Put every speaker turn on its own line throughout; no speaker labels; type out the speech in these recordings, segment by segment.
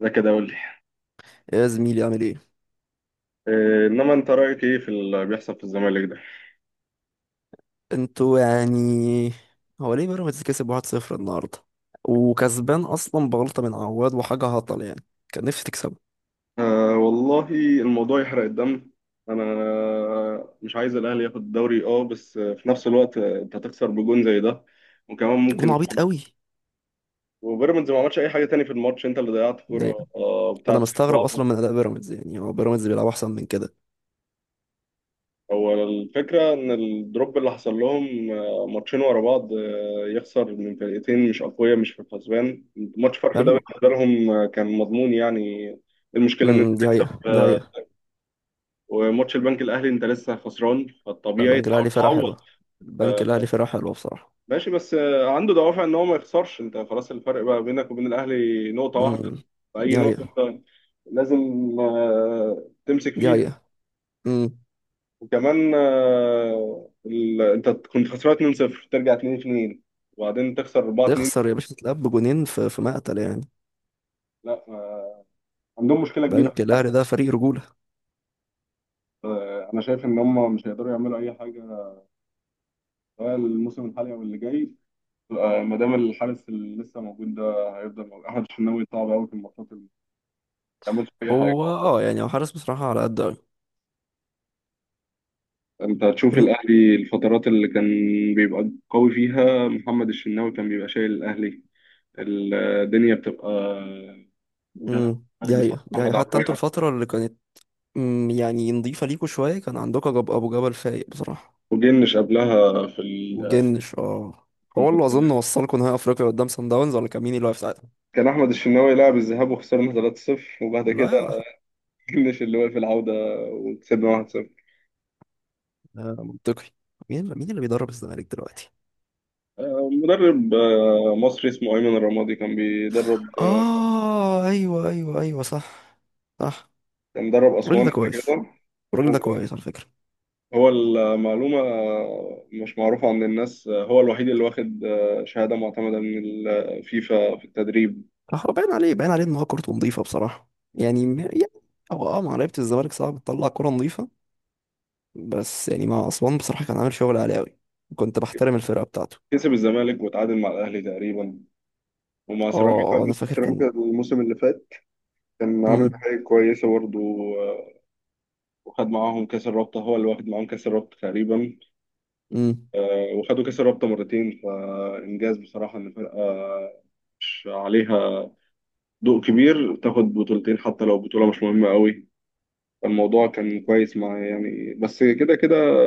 ده كده قول لي.
يا زميلي، عامل ايه؟
انما انت رايك ايه في اللي بيحصل في الزمالك ده؟
انتوا يعني. هو ليه بيراميدز كسب 1-0 النهارده، وكسبان اصلا بغلطه من عواد وحاجه هطل يعني. كان نفسي تكسبه.
آه والله، الموضوع يحرق الدم. انا مش عايز الاهلي ياخد الدوري اه، بس في نفس الوقت انت تخسر بجون زي ده، وكمان
جون
ممكن.
عبيط قوي.
وبيراميدز ما عملش اي حاجه تاني في الماتش، انت اللي ضيعت كوره
يعني انا
بتاعت سيف
مستغرب اصلا
جعفر.
من اداء بيراميدز، يعني هو بيراميدز بيلعب احسن من كده.
هو الفكره ان الدروب اللي حصل لهم، ماتشين ورا بعض، يخسر من فرقتين مش اقوياء مش في الحسبان. ماتش فرق ده
حلو.
بالنسبه لهم، كان مضمون يعني. المشكله ان انت
دي حقيقه،
تكسب،
دي حقيقه.
وماتش البنك الاهلي انت لسه خسران،
لا،
فالطبيعي
البنك
تحاول
الاهلي فرقه حلوه.
تعوض.
البنك
آه،
الاهلي فرقه حلوه بصراحه.
ماشي، بس عنده دوافع ان هو ما يخسرش. انت خلاص الفرق بقى بينك وبين الاهلي نقطه واحده،
امم
فاي
دي
نقطه
حقيقه،
انت لازم تمسك
دي
فيها.
حقيقه. امم
وكمان انت كنت خسران 2-0 ترجع 2-2 وبعدين تخسر 4-2.
تخسر يا باشا، تتلعب بجونين في مقتل يعني.
لا عندهم مشكله كبيره.
بنك الاهلي ده فريق رجوله.
انا شايف ان هم مش هيقدروا يعملوا اي حاجه، سواء الموسم الحالي او اللي جاي. ما دام الحارس اللي لسه موجود ده هيفضل موجود احمد الشناوي، صعب قوي في الماتشات اللي ما بيعملش اي حاجه.
هو يعني هو حارس بصراحه على قد قوي.
انت هتشوف الاهلي الفترات اللي كان بيبقى قوي فيها، محمد الشناوي كان بيبقى شايل الاهلي، الدنيا بتبقى كلام. مالك
دي
بسبب
حقيقة. يعني
محمد
حتى انتوا
عواد
الفترة اللي كانت يعني نضيفة ليكوا شوية، كان عندكوا جب أبو جبل فايق بصراحة.
وجنش قبلها في
وجنش اه. هو اللي أظن
الكونفدرالية.
وصلكوا نهائي أفريقيا قدام سان داونز، ولا كان مين اللي واقف ساعتها؟
كان احمد الشناوي لعب الذهاب وخسرنا 3-0، وبعد
لا
كده
يا-
جنش اللي واقف العوده وكسبنا 1-0.
ده منطقي. مين اللي بيدرب الزمالك دلوقتي؟
مدرب مصري اسمه أيمن الرمادي، كان بيدرب.
اه، ايوه ايوه ايوه، صح. صح.
كان مدرب
الراجل
أسوان
ده
قبل
كويس.
كده.
الراجل ده كويس على فكرة.
هو المعلومة مش معروفة عند الناس، هو الوحيد اللي واخد شهادة معتمدة من الفيفا في التدريب.
صح. هو باين عليه إن هو كورته نضيفة بصراحة يعني يعني. هو مع لعيبة الزمالك صعب تطلع كورة نضيفة. بس يعني مع أسوان بصراحة كان عامل شغل عالي أوي. كنت بحترم الفرقة بتاعته.
كسب الزمالك وتعادل مع الأهلي تقريبا، ومع
اه. أنا فاكر
سيراميكا
كان.
الموسم اللي فات كان عامل
مم.
حاجة كويسة برضه. وخد معاهم كأس الرابطة، هو اللي واخد معاهم كأس الرابطة تقريبا.
مم.
وخدوا كأس الرابطة مرتين، فإنجاز بصراحة إن فرقة مش عليها ضوء كبير تاخد بطولتين، حتى لو بطولة مش مهمة قوي. الموضوع كان كويس مع يعني، بس كده كده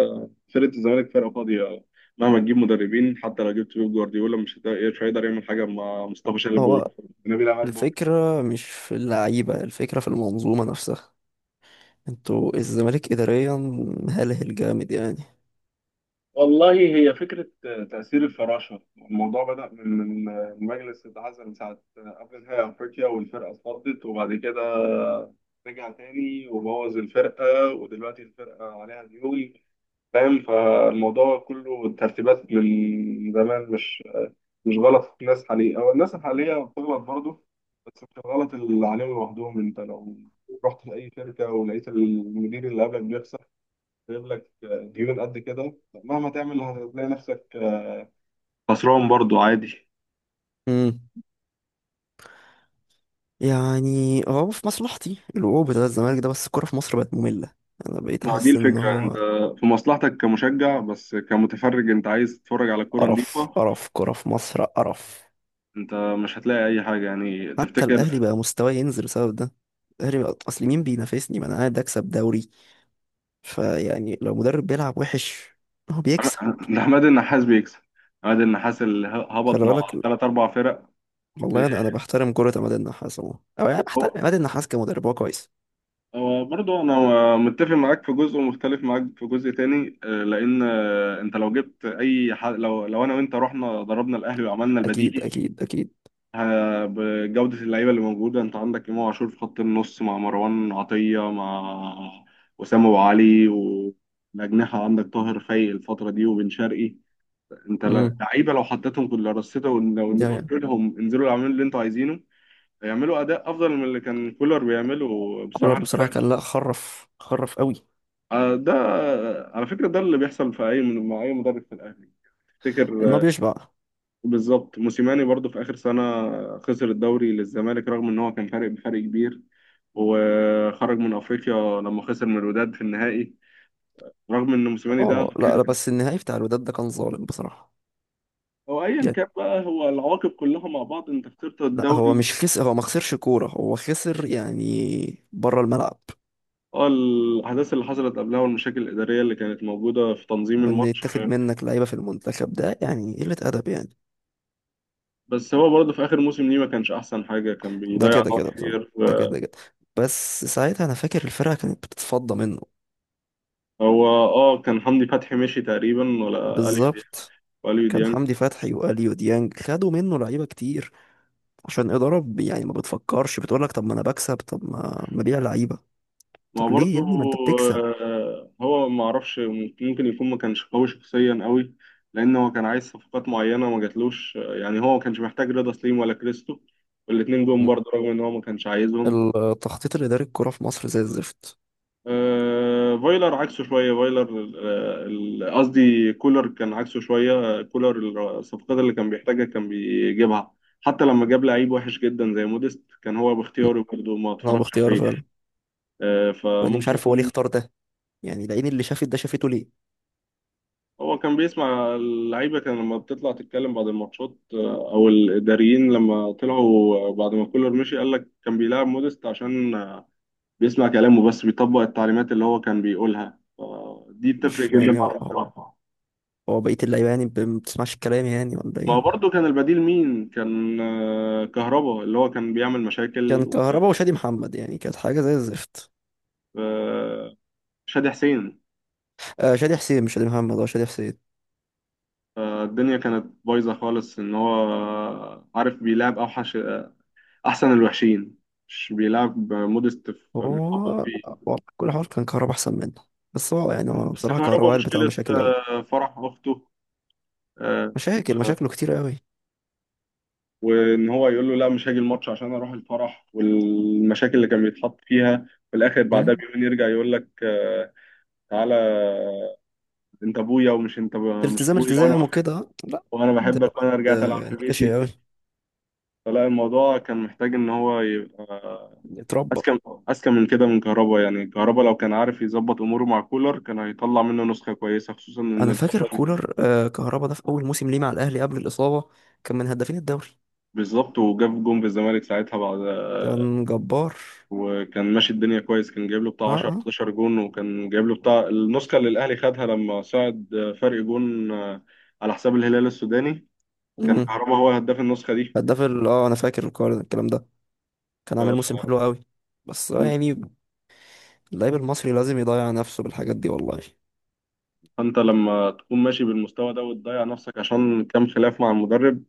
فرقة الزمالك فرقة فاضية، مهما تجيب مدربين حتى لو جبت بيب جوارديولا مش هيقدر يعمل حاجة مع مصطفى شلبي
هو
ونبيل عماد بكر.
الفكرة مش في اللعيبة، الفكرة في المنظومة نفسها. انتوا الزمالك إداريا هلهل جامد يعني.
والله هي فكرة تأثير الفراشة. الموضوع بدأ من مجلس اتعزل من ساعة قبل نهائي أفريقيا، والفرقة اتفضت، وبعد كده رجع تاني وبوظ الفرقة، ودلوقتي الفرقة عليها ديون. فاهم؟ فالموضوع كله ترتيبات من زمان، مش غلط الناس حاليا او الناس الحاليه بتغلط برضه، بس مش الغلط اللي عليهم لوحدهم. انت لو رحت لاي شركه ولقيت المدير اللي قبلك بيخسر جايب لك ديون قد كده، مهما تعمل هتلاقي نفسك خسران برضو عادي.
مم. يعني هو في مصلحتي الوقوع بتاع الزمالك ده، بس الكورة في مصر بقت مملة. أنا بقيت
ما دي
أحس إن
الفكرة، انت
هو
في مصلحتك كمشجع، بس كمتفرج انت عايز تتفرج على كورة
قرف،
نظيفة.
قرف، كورة في مصر قرف.
انت مش هتلاقي اي حاجة يعني،
حتى
تفتكر؟
الأهلي بقى مستواه ينزل بسبب ده. الأهلي بقى أصل مين بينافسني؟ ما أنا قاعد أكسب دوري. فيعني لو مدرب بيلعب وحش هو بيكسب.
ده عماد النحاس بيكسب، عماد النحاس اللي هبط
خلي
مع
بالك ال-
ثلاث اربع فرق.
والله انا بحترم كرة عماد النحاس عموما، او يعني بحترم عماد النحاس كمدرب، هو كويس.
هو برضه انا متفق معاك في جزء ومختلف معاك في جزء تاني، لان انت لو جبت اي لو انا وانت رحنا ضربنا الاهلي وعملنا
اكيد
البديهي،
اكيد اكيد.
بجوده اللعيبه اللي موجوده. انت عندك امام عاشور في خط النص مع مروان عطيه مع وسام ابو علي، والاجنحه عندك طاهر خي الفتره دي وبن شرقي. انت
امم
لعيبه لو حطيتهم كل رصيتهم ولو
ده
قلت
يعني.
لهم انزلوا اعملوا اللي انتوا عايزينه، هيعملوا اداء افضل من اللي كان كولر بيعمله بصراحه
كولر
الفرق.
بصراحة كان، لا، خرف، خرف قوي.
ده على فكرة ده اللي بيحصل في أي مع أي مدرب في الأهلي
ان
تفتكر.
هو بيشبع.
بالظبط موسيماني برضو في آخر سنة خسر الدوري للزمالك، رغم إن هو كان فارق بفرق كبير، وخرج من أفريقيا لما خسر من الوداد في النهائي، رغم إن موسيماني ده
اه، لا
كان.
لا، بس النهائي بتاع الوداد ده كان ظالم بصراحة.
هو أيا
يعني
كان بقى، هو العواقب كلها مع بعض. أنت خسرت
لا، هو
الدوري،
مش خسر، هو ما خسرش كورة، هو خسر يعني بره الملعب.
اه، الأحداث اللي حصلت قبلها والمشاكل الإدارية اللي كانت موجودة في تنظيم
وان
الماتش.
يتاخد منك لعيبة في المنتخب ده يعني قلة ادب يعني.
بس هو برضه في آخر موسم ليه ما كانش أحسن حاجة، كان
ده
بيضيع
كده
نقط
كده بصراحة،
كتير.
ده كده كده. بس ساعتها انا فاكر الفرقة كانت بتتفضى منه.
هو اه كان حمدي فتحي مشي تقريبا ولا اليو ديانج.
بالظبط.
واليو
كان
ديانج
حمدي فتحي واليو ديانج خدوا منه لعيبة كتير. عشان إدارة يعني ما بتفكرش، بتقول لك طب ما انا بكسب، طب ما ما بيع لعيبة.
ما
طب ليه
برضو.
يا ابني؟ ما انت بتكسب.
هو ما اعرفش، ممكن يكون ما كانش قوي شخصيا قوي، لان هو كان عايز صفقات معينه ما جاتلوش. يعني هو ما كانش محتاج رضا سليم ولا كريستو، والاتنين جم
م.
برضه رغم ان هو ما كانش عايزهم.
التخطيط الإداري، الكرة في مصر زي الزفت.
فايلر عكسه شوية فايلر، قصدي كولر كان عكسه شوية. كولر الصفقات اللي كان بيحتاجها كان بيجيبها، حتى لما جاب لعيب وحش جدا زي موديست، كان هو
م.
باختياره برضه، ما
انا
اتفرجش
باختياره
عليه.
فعلا. لاني مش
فممكن
عارف هو ليه
يكون
اختار ده، يعني لقيني اللي شافت ده شافته ليه.
هو كان بيسمع اللعيبة، كان لما بتطلع تتكلم بعد الماتشات أو الإداريين لما طلعوا بعد ما كولر مشي قال لك كان بيلعب موديست عشان بيسمع كلامه، بس بيطبق التعليمات اللي هو كان بيقولها، فدي بتفرق
مش
جدا
يعني
مع
هو هو
المدرب.
هو بقية اللعيبة، يعني ما بتسمعش الكلام يعني ولا
ما هو
ايه؟
برضه كان البديل مين؟ كان كهربا، اللي هو كان بيعمل
كان
مشاكل في
كهربا وشادي محمد، يعني كانت حاجة زي الزفت.
في شادي حسين.
آه، شادي حسين، مش شادي محمد، هو شادي حسين.
فالدنيا كانت بايظة خالص، إن هو عارف بيلعب أوحش أحسن الوحشين، مش بيلعب مودست في
هو
متحكم فيه.
والله كل حوار كان كهربا احسن منه. بس هو يعني هو
بس
بصراحه كهربا
كهربا
قلبت على
مشكلة
مشاكل قوي.
فرح أخته. آه،
مشاكل،
آه،
مشاكله كتير قوي.
وإن هو يقول له لا، مش هاجي الماتش عشان أروح الفرح، والمشاكل اللي كان بيتحط فيها في الآخر، بعدها
مم.
بيومين يرجع يقول لك تعالى، انت ابويا، ومش انت مش
التزام،
ابويا، وانا
التزام
بحب،
وكده، لا.
وانا
ده
بحبك،
واد
وانا رجعت العب في
نكشي
بيتي.
قوي.
فلا الموضوع كان محتاج ان هو يبقى
اتربى.
اذكى اذكى من كده من كهربا. يعني كهربا لو كان عارف يظبط اموره مع كولر، كان هيطلع منه نسخه كويسه، خصوصا ان
انا فاكر
الفتره دي
كولر، كهربا ده في اول موسم ليه مع الاهلي قبل الاصابه كان من هدافين الدوري.
بالظبط، وجاب جون في الزمالك ساعتها بعد،
كان جبار.
وكان ماشي الدنيا كويس، كان جايب له
اه
بتاع 10
اه.
11 جون، وكان جايب له بتاع النسخه اللي الاهلي خدها لما صعد فرق جون على حساب الهلال السوداني. كان
مم.
كهربا هو هداف النسخه
هداف ال- اه انا فاكر الكلام ده، كان
دي.
عامل موسم حلو قوي. بس يعني اللعيب المصري لازم يضيع نفسه بالحاجات دي والله.
فانت لما تكون ماشي بالمستوى ده وتضيع نفسك عشان كام خلاف مع المدرب،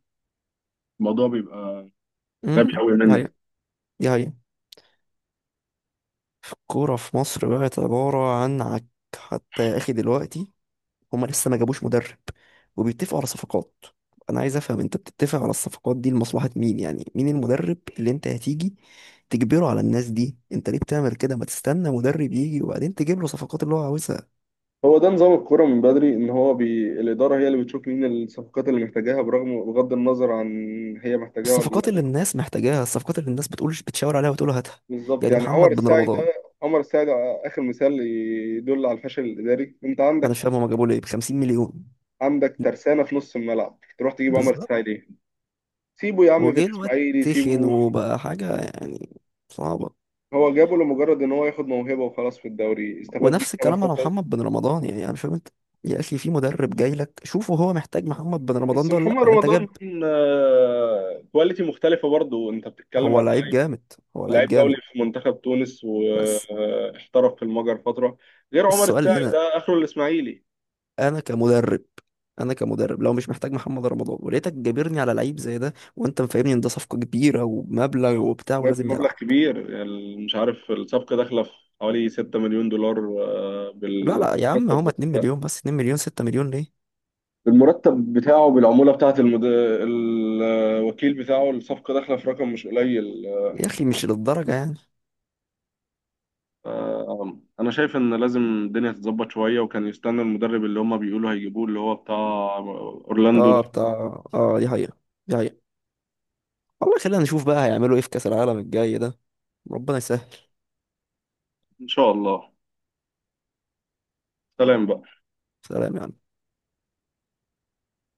الموضوع بيبقى غبي قوي
دي
منك.
حقيقة، دي حقيقة. الكورة في مصر بقت عبارة عن عك. حتى يا أخي دلوقتي هما لسه ما جابوش مدرب وبيتفقوا على صفقات. أنا عايز أفهم، أنت بتتفق على الصفقات دي لمصلحة مين؟ يعني مين المدرب اللي أنت هتيجي تجبره على الناس دي؟ أنت ليه بتعمل كده؟ ما تستنى مدرب يجي وبعدين تجيب له صفقات اللي هو عاوزها،
هو ده نظام الكوره من بدري، ان هو الاداره هي اللي بتشوف مين الصفقات اللي محتاجاها، برغم بغض النظر عن هي محتاجاها ولا
الصفقات
لا.
اللي الناس محتاجاها، الصفقات اللي الناس بتقولش بتشاور عليها وتقول هاتها.
بالظبط،
يعني
يعني
محمد بن رمضان،
عمر الساعي ده اخر مثال يدل على الفشل الاداري. انت
أنا مش فاهم هما جابوه ليه ب 50 مليون؟
عندك ترسانه في نص الملعب، تروح تجيب عمر
بالظبط.
الساعي ليه؟ سيبه يا عم في
وجه الواد
الاسماعيلي،
تخن
سيبه.
وبقى حاجة يعني صعبة.
هو جابه لمجرد ان هو ياخد موهبه وخلاص في الدوري، استفاد
ونفس
بيها ما
الكلام على
استفاد.
محمد بن رمضان، يعني أنا مش فاهم أنت. يا أخي في مدرب جاي لك، شوفه هو محتاج محمد بن رمضان
بس
ده ولا لأ،
محمد
يعني أنت
رمضان
جاب.
كواليتي مختلفة برضه، انت بتتكلم
هو
على
لعيب جامد، هو لعيب
لعيب دولي
جامد،
في منتخب تونس
بس
واحترف في المجر فترة، غير عمر
السؤال
الساعي
هنا:
ده اخره الاسماعيلي.
أنا كمدرب، أنا كمدرب لو مش محتاج محمد رمضان ولقيتك جابرني على لعيب زي ده، وأنت مفهمني إن ده صفقة كبيرة ومبلغ وبتاع
جاب
ولازم
مبلغ
يلعب.
كبير، مش عارف الصفقة داخلة في حوالي 6 مليون دولار
لا لا يا عم، هما
بالمرتب.
2 مليون بس، 2 مليون، 6 مليون ليه؟
بالمرتب بتاعه، بالعمولة بتاعة الوكيل بتاعه، الصفقة داخلة في رقم مش قليل.
يا أخي مش للدرجة يعني.
انا شايف ان لازم الدنيا تتظبط شويه، وكان يستنى المدرب اللي هما بيقولوا هيجيبوه اللي هو بتاع اورلاندو ده.
اه، بتاع. اه، دي حقيقة. دي حقيقة. والله خلينا نشوف بقى هيعملوا ايه في كأس العالم الجاي ده. ربنا يسهل.
ان شاء الله. سلام بقى.
سلام يا عم.